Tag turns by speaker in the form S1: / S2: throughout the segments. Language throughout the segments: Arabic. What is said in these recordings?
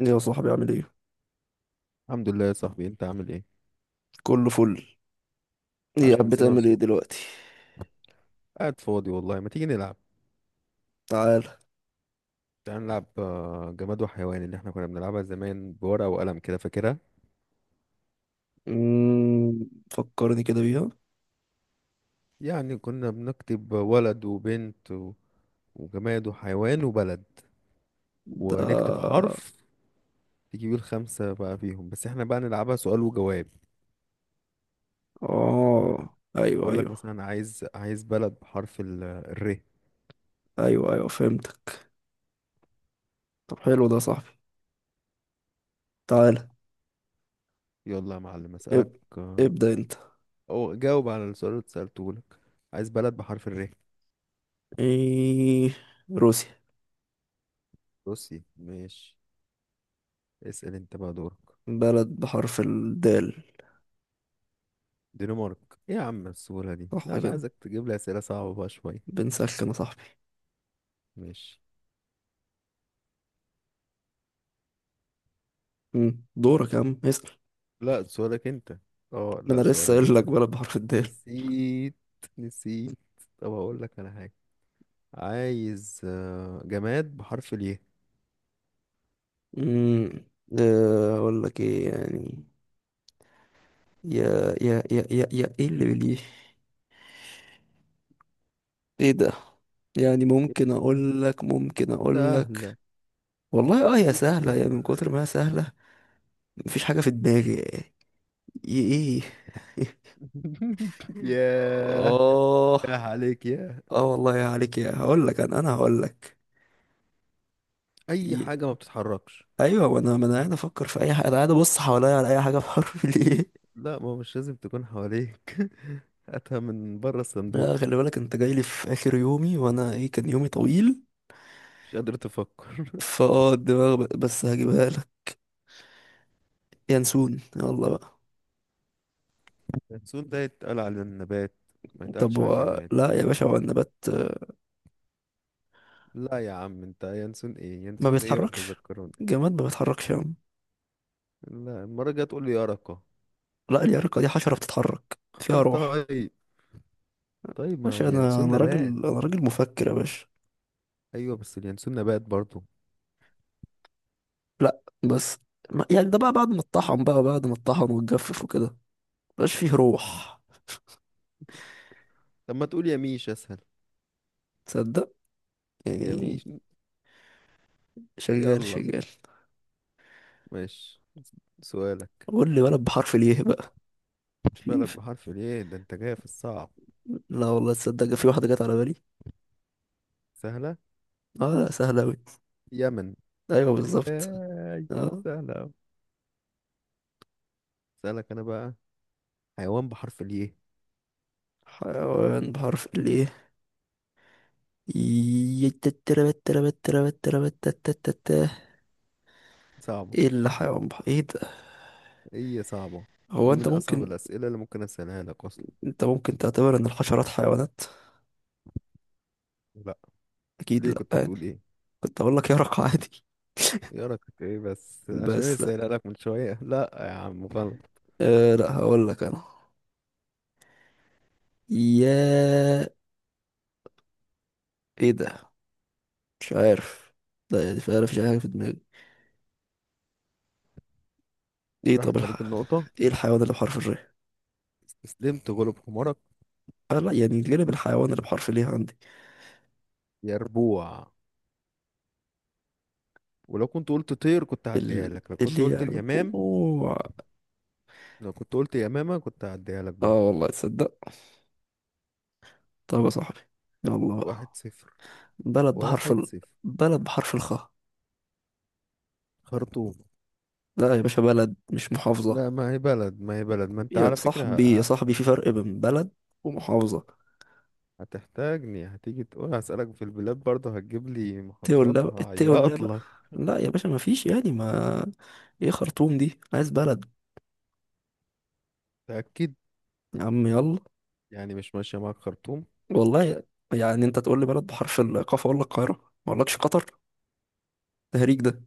S1: ايه يا صاحبي، عامل ايه؟
S2: الحمد لله يا صاحبي، انت عامل ايه؟
S1: كله فل. ايه،
S2: عاش
S1: قاعد
S2: من سمع
S1: بتعمل ايه
S2: صوتك.
S1: دلوقتي؟
S2: قاعد فاضي والله، ما تيجي نلعب؟
S1: تعال.
S2: تعال نلعب جماد وحيوان اللي احنا كنا بنلعبها زمان بورقة وقلم كده، فاكرها؟
S1: فكرني كده بيها.
S2: يعني كنا بنكتب ولد وبنت وجماد وحيوان وبلد، ونكتب
S1: ده.
S2: حرف. تجيب الخمسة بقى فيهم، بس احنا بقى نلعبها سؤال وجواب.
S1: اه، ايوه
S2: اقول لك
S1: ايوه
S2: مثلا، عايز بلد بحرف الر.
S1: ايوه ايوه، فهمتك. طب حلو ده يا صاحبي. تعال.
S2: يلا يا معلم اسألك.
S1: اب...
S2: آه،
S1: ابدأ انت.
S2: او جاوب على السؤال اللي سألته لك. عايز بلد بحرف الر.
S1: ايه؟ روسيا.
S2: بصي، ماشي. اسأل انت بقى، دورك.
S1: بلد بحرف الدال.
S2: دنمارك. ايه يا عم السهولة دي؟
S1: صح
S2: لا انا
S1: كده.
S2: عايزك تجيب لي اسئلة صعبة بقى شوية.
S1: بنسخن يا صاحبي.
S2: ماشي.
S1: دورك يا عم، اسأل.
S2: لا، سؤالك انت. اه
S1: ما انا
S2: لا،
S1: لسه
S2: سؤال انا،
S1: قايل لك
S2: تصدق.
S1: بلد بحرف الدال.
S2: نسيت، نسيت. طب هقول لك على حاجة. عايز جماد بحرف الياء.
S1: امم اقول لك ايه يعني؟ يا يا يا يا يا، ايه اللي بليه؟ ايه ده؟ يعني
S2: إيه؟
S1: ممكن اقول لك ممكن اقول
S2: سهلة.
S1: لك والله هي
S2: دي
S1: سهله، يا
S2: سهلة.
S1: من كتر ما هي سهله. مفيش حاجه في دماغي. ايه؟
S2: ياه. ياه
S1: اه.
S2: عليك ياه.
S1: اه والله، يا عليك، يا هقول لك، انا هقول لك.
S2: أي
S1: ي-
S2: حاجة ما بتتحركش.
S1: ايوه، ما انا قاعد افكر في اي حاجه، انا قاعد ابص حواليا على اي حاجه بحرف ليه.
S2: لا ما هو مش لازم تكون حواليك. هاتها من بره الصندوق.
S1: لا خلي بالك، انت جاي لي في اخر يومي، وانا ايه، كان يومي طويل.
S2: مش قادر تفكر.
S1: فاه الدماغ، بس هجيبها لك. ينسون، يلا بقى.
S2: ينسون ده يتقال على النبات، ما
S1: طب
S2: يتقالش على الجماد.
S1: لا يا باشا هو النبات،
S2: لا يا عم، انت ينسون ايه
S1: ما
S2: ينسون ايه ولا
S1: بيتحركش.
S2: تذكرون.
S1: الجماد ما بيتحركش يا عم.
S2: لا، المرة الجاية تقول لي يرقة.
S1: لا، اليرقة دي حشرة بتتحرك فيها روح.
S2: طيب.
S1: يا
S2: طيب ما
S1: باشا، انا
S2: اليانسون
S1: انا راجل.
S2: نبات.
S1: انا راجل مفكر يا باشا.
S2: ايوه بس اليانسون نبات برضو.
S1: لا بس. ما... يعني ده بقى بعد ما اتطحن واتجفف وكده، مبقاش فيه روح.
S2: طب ما تقول يميش، اسهل.
S1: تصدق؟ يعني
S2: يميش.
S1: شغال
S2: يلا.
S1: شغال.
S2: ماشي. سؤالك.
S1: قول لي بلد بحرف ليه بقى. في
S2: بلد
S1: في-
S2: بحرف الايه ده؟ انت جاي في الصعب.
S1: لا والله تصدق، في واحدة جت على بالي.
S2: سهلة.
S1: اه لا، سهلة أوي.
S2: يمن.
S1: ايوه بالظبط.
S2: اي،
S1: اه.
S2: سهلة أوي. سألك انا بقى. حيوان بحرف الايه.
S1: حيوان بحرف ليه. يتتربتربتربتربتتتتت.
S2: صعبة.
S1: ايه اللي حيوان بحر ايه ده؟
S2: ايه صعبة.
S1: هو
S2: دي
S1: انت
S2: من اصعب
S1: ممكن
S2: الاسئلة اللي ممكن اسألها لك اصلا.
S1: انت ممكن تعتبر ان الحشرات حيوانات؟
S2: لا.
S1: اكيد
S2: ليه،
S1: لا
S2: كنت
S1: يعني.
S2: هتقول ايه؟
S1: كنت اقول لك يرق عادي.
S2: يا رك، كنت ايه بس عشان انا
S1: بس لا.
S2: سايلها لك من شويه. لا يا عم غلط.
S1: لا هقول لك انا. يا. ايه ده؟ مش عارف. لا يعني فعلا مفيش اي حاجه في دماغي. ايه،
S2: راحت عليك النقطه.
S1: ايه الحيوان اللي بحرف الر؟
S2: استسلمت، غلب حمارك.
S1: لا يعني، غالب، الحيوان اللي بحرف ليه عندي.
S2: يا ربوع. ولو كنت قلت طير كنت هعديها
S1: ال...
S2: لك، لو كنت
S1: اللي
S2: قلت
S1: يعني.
S2: اليمام.
S1: أوه.
S2: لو كنت قلت يمامه كنت هعديها لك
S1: اه
S2: برضه.
S1: والله تصدق. طب يا صاحبي، يلا
S2: واحد
S1: بقى.
S2: صفر
S1: بلد بحرف
S2: واحد
S1: ال...
S2: صفر
S1: بلد بحرف الخاء.
S2: خرطوم.
S1: لا يا باشا، بلد مش محافظة.
S2: لا ما هي بلد، ما هي بلد، ما انت
S1: يا
S2: على فكره
S1: صاحبي يا صاحبي، في فرق بين بلد ومحافظة.
S2: هتحتاجني. هتيجي تقول هسألك في البلاد برضه هتجيب لي
S1: التقل
S2: محافظات،
S1: لا، التقل لا
S2: هعيط
S1: بقى.
S2: لك.
S1: لا يا باشا، ما فيش يعني ما ايه خرطوم دي، عايز بلد.
S2: تأكد.
S1: يا عم يلا.
S2: يعني مش ماشيه معاك خرطوم.
S1: والله يعني انت تقول لي بلد بحرف القاف اقول لك القاهرة، ما اقولكش قطر. تهريج ده.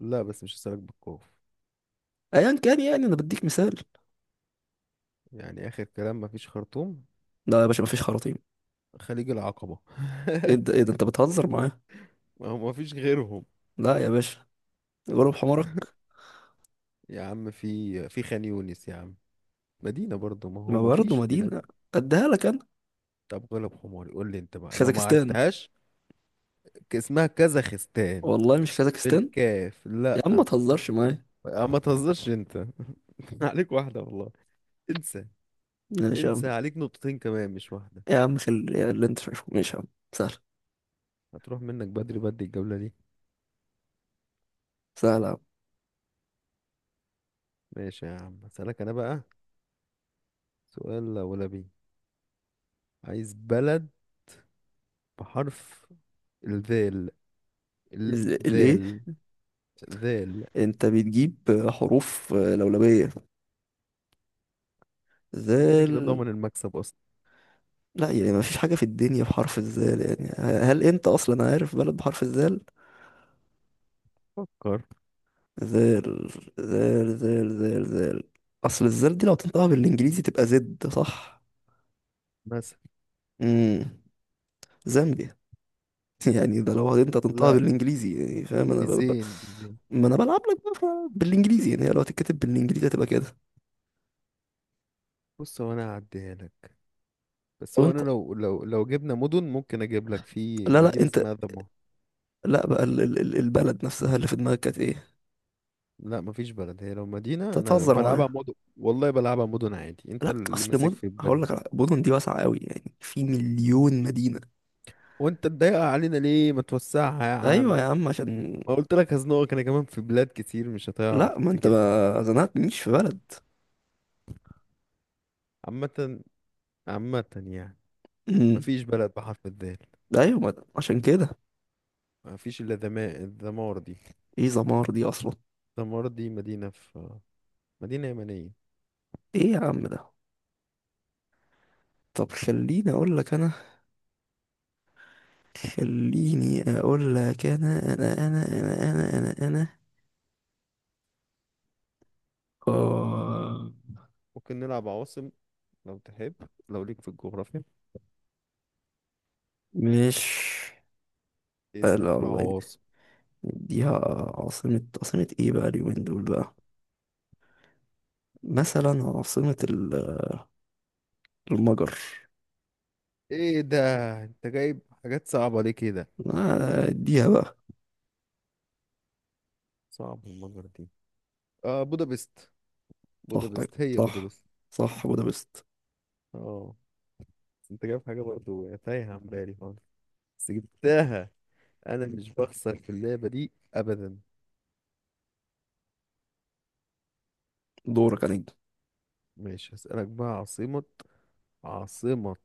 S2: لا بس مش هسألك بالكوف.
S1: ايا كان، يعني انا بديك مثال.
S2: يعني آخر كلام مفيش خرطوم؟
S1: لا يا باشا ما فيش خراطيم.
S2: خليج العقبة.
S1: ايه ده ايه ده، انت بتهزر معايا؟
S2: ما هو مفيش غيرهم.
S1: لا يا باشا، غلب حمارك.
S2: يا عم في خان يونس يا عم. مدينة برضو، ما هو
S1: ما برضه
S2: مفيش بلاد.
S1: مدينة، اديها لك انا.
S2: طب غلب حماري، قول لي انت بقى لو ما
S1: خازكستان.
S2: عرفتهاش. اسمها كازاخستان.
S1: والله مش كازاخستان.
S2: بالكاف،
S1: يا عم
S2: لا.
S1: ما تهزرش معايا.
S2: ما تهزرش انت. عليك واحدة والله. انسى.
S1: ماشي يا عم.
S2: انسى، عليك نقطتين كمان مش واحدة.
S1: يا عم خل يا اللي انت شايفه، ماشي يا عم. سهل.
S2: هتروح منك بدري بدري الجولة دي.
S1: سهل يا عم.
S2: ماشي يا عم، اسألك انا بقى. سؤال لا ولا بيه. عايز بلد بحرف الذال.
S1: الايه؟
S2: الذال. ذيل.
S1: انت بتجيب حروف لولبية.
S2: أنا كده كده
S1: زال.
S2: ضامن المكسب اصلا.
S1: لا يعني، ما فيش حاجة في الدنيا بحرف الزال، يعني هل انت اصلا عارف بلد بحرف الزال؟
S2: فكر.
S1: زال زال زال زال زال. اصل الزال دي لو تنطقها بالانجليزي تبقى زد، صح؟
S2: مثلا.
S1: امم زامبيا. يعني ده لو انت هتنطقها
S2: لا.
S1: بالانجليزي، يعني فاهم، انا
S2: ديزين ديزين.
S1: ما انا بلعب لك بقى بالانجليزي، يعني هي لو هتتكتب بالانجليزي هتبقى كده.
S2: بص هو انا هعديها لك. بس هو انا
S1: وانت.
S2: لو جبنا مدن ممكن اجيب لك في
S1: لا لا
S2: مدينة
S1: انت.
S2: اسمها ذمار.
S1: لا بقى البلد نفسها اللي في دماغك كانت ايه؟
S2: لا مفيش بلد. هي لو
S1: انت
S2: مدينة انا
S1: بتهزر
S2: بلعبها
S1: معايا.
S2: مدن والله، بلعبها مدن عادي، انت
S1: لا
S2: اللي
S1: اصل
S2: ماسك في البلد.
S1: هقول لك مدن دي واسعه قوي، يعني في مليون مدينه.
S2: وانت تضايقها علينا ليه؟ ما توسعها يا
S1: ايوه
S2: عم.
S1: يا عم عشان.
S2: ما قلت لك هزنقك انا كمان في بلاد كتير مش هتعرف
S1: لا، ما انت
S2: تجيبها.
S1: ما زنقتنيش في بلد.
S2: عامة. عامة يعني.
S1: امم.
S2: مفيش بلد بحرف الذال.
S1: ايوه، ما... عشان كده.
S2: مفيش الا الذمار دي.
S1: ايه زمار دي اصلا؟
S2: دمار دي مدينة في. مدينة يمنية.
S1: ايه يا عم ده. طب خليني اقول لك انا. خليني اقول لك انا. اه.
S2: ممكن نلعب عواصم لو تحب، لو ليك في الجغرافيا.
S1: مش. لا
S2: اسأل في
S1: الله.
S2: العواصم.
S1: اديها. عاصمة ايه بقى اليومين دول بقى؟ مثلا عاصمة ال- المجر.
S2: ايه ده، انت جايب حاجات صعبة ليه كده؟
S1: اديها بقى.
S2: صعب المجر دي. اه، بودابست.
S1: صح
S2: بودابست، هي
S1: صح
S2: بودابست.
S1: صح، بودابست.
S2: اه بس انت جايب حاجة برضو تايهة عن بالي خالص، بس جبتها. انا مش بخسر في اللعبة دي ابدا.
S1: دورك عليك.
S2: ماشي، هسألك بقى. عاصمة. عاصمة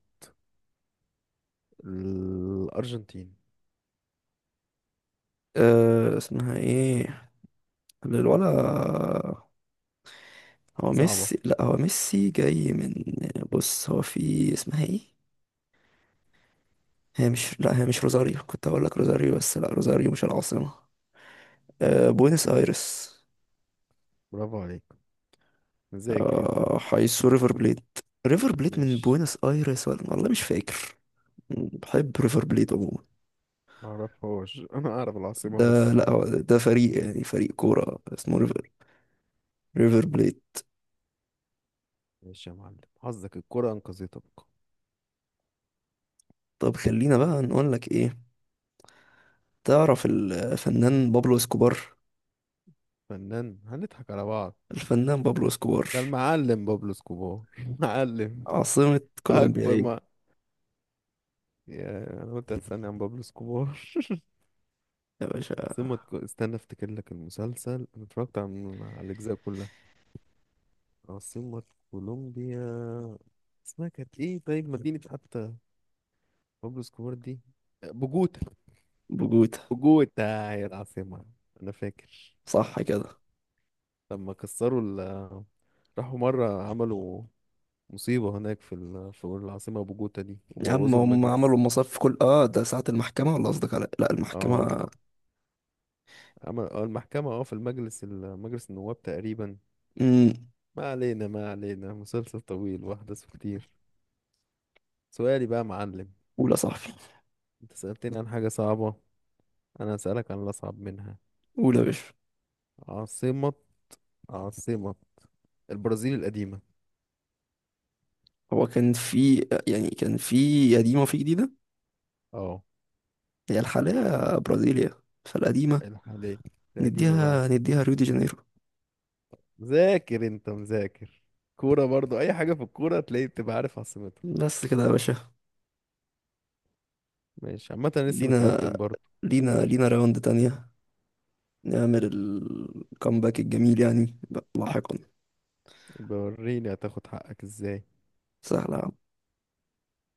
S2: الأرجنتين.
S1: أه، اسمها ايه؟ الولا. هو
S2: صعبة.
S1: ميسي، لا هو ميسي جاي من، بص هو في اسمها ايه؟ هي مش لا هي مش روزاريو، كنت هقول لك روزاريو، بس لا روزاريو مش العاصمة. آه بوينس ايرس.
S2: برافو عليك. مذاكر انت أهو.
S1: آه، حيث ريفر بليد. ريفر بليد من
S2: ماشي.
S1: بوينس ايرس ولا؟ والله مش فاكر. بحب ريفر بليد عموما.
S2: معرفهاش، انا اعرف العاصمة
S1: ده.
S2: بس.
S1: لا هو ده فريق، يعني فريق كورة اسمه ريفر، ريفر بليد.
S2: ماشي يا معلم، حظك الكرة انقذتك.
S1: طب خلينا بقى نقول لك ايه. تعرف الفنان بابلو اسكوبار؟
S2: فنان هنضحك على بعض.
S1: الفنان بابلو اسكوبار.
S2: ده المعلم بابلو سكوبار. معلم.
S1: عاصمة كولومبيا
S2: اكبر
S1: ايه؟
S2: ما. يا انا قلت هتسألني عن بابلو سكوبار.
S1: يا باشا.
S2: عاصمة استنى افتكر لك المسلسل انا اتفرجت على الاجزاء كلها. عاصمة كولومبيا، اسمها كانت ايه؟ طيب مدينة حتى، بابلو سكوبار دي. بوجوتا.
S1: بوجوتا.
S2: بوجوتا هي العاصمة، انا فاكر.
S1: صح كده.
S2: لما كسروا راحوا مرة عملوا مصيبة هناك في في العاصمة بوجوتا دي،
S1: يا عم
S2: وبوظوا
S1: هم عملوا
S2: المجلس.
S1: المصاف في كل، ده ساعة المحكمة، ولا قصدك على، لا،
S2: اه
S1: المحكمة.
S2: اه. عمل المحكمة في المجلس مجلس النواب تقريبا.
S1: امم.
S2: ما علينا، ما علينا، مسلسل طويل وأحداثه كتير. سؤالي بقى يا معلم.
S1: أولى صاحبي.
S2: انت سألتني عن حاجة صعبة، أنا هسألك عن الأصعب منها.
S1: أولى يا باشا.
S2: عاصمة. عاصمة البرازيل القديمة.
S1: هو كان في، يعني كان في قديمة وفي جديدة.
S2: اه
S1: هي الحالية برازيليا، فالقديمة
S2: الحالية. القديمة بقى.
S1: نديها ريو دي جانيرو.
S2: مذاكر انت، مذاكر. كورة برضو، أي حاجة في الكورة تلاقي بتبقى عارف عاصمتها.
S1: بس كده يا باشا.
S2: ماشي عامة، أنا لسه
S1: لينا.
S2: متقدم برضو.
S1: لينا لينا راوند تانية، نعمل الكامباك الجميل يعني. لاحقا.
S2: بوريني هتاخد حقك ازاي؟
S1: سهلة يا عم.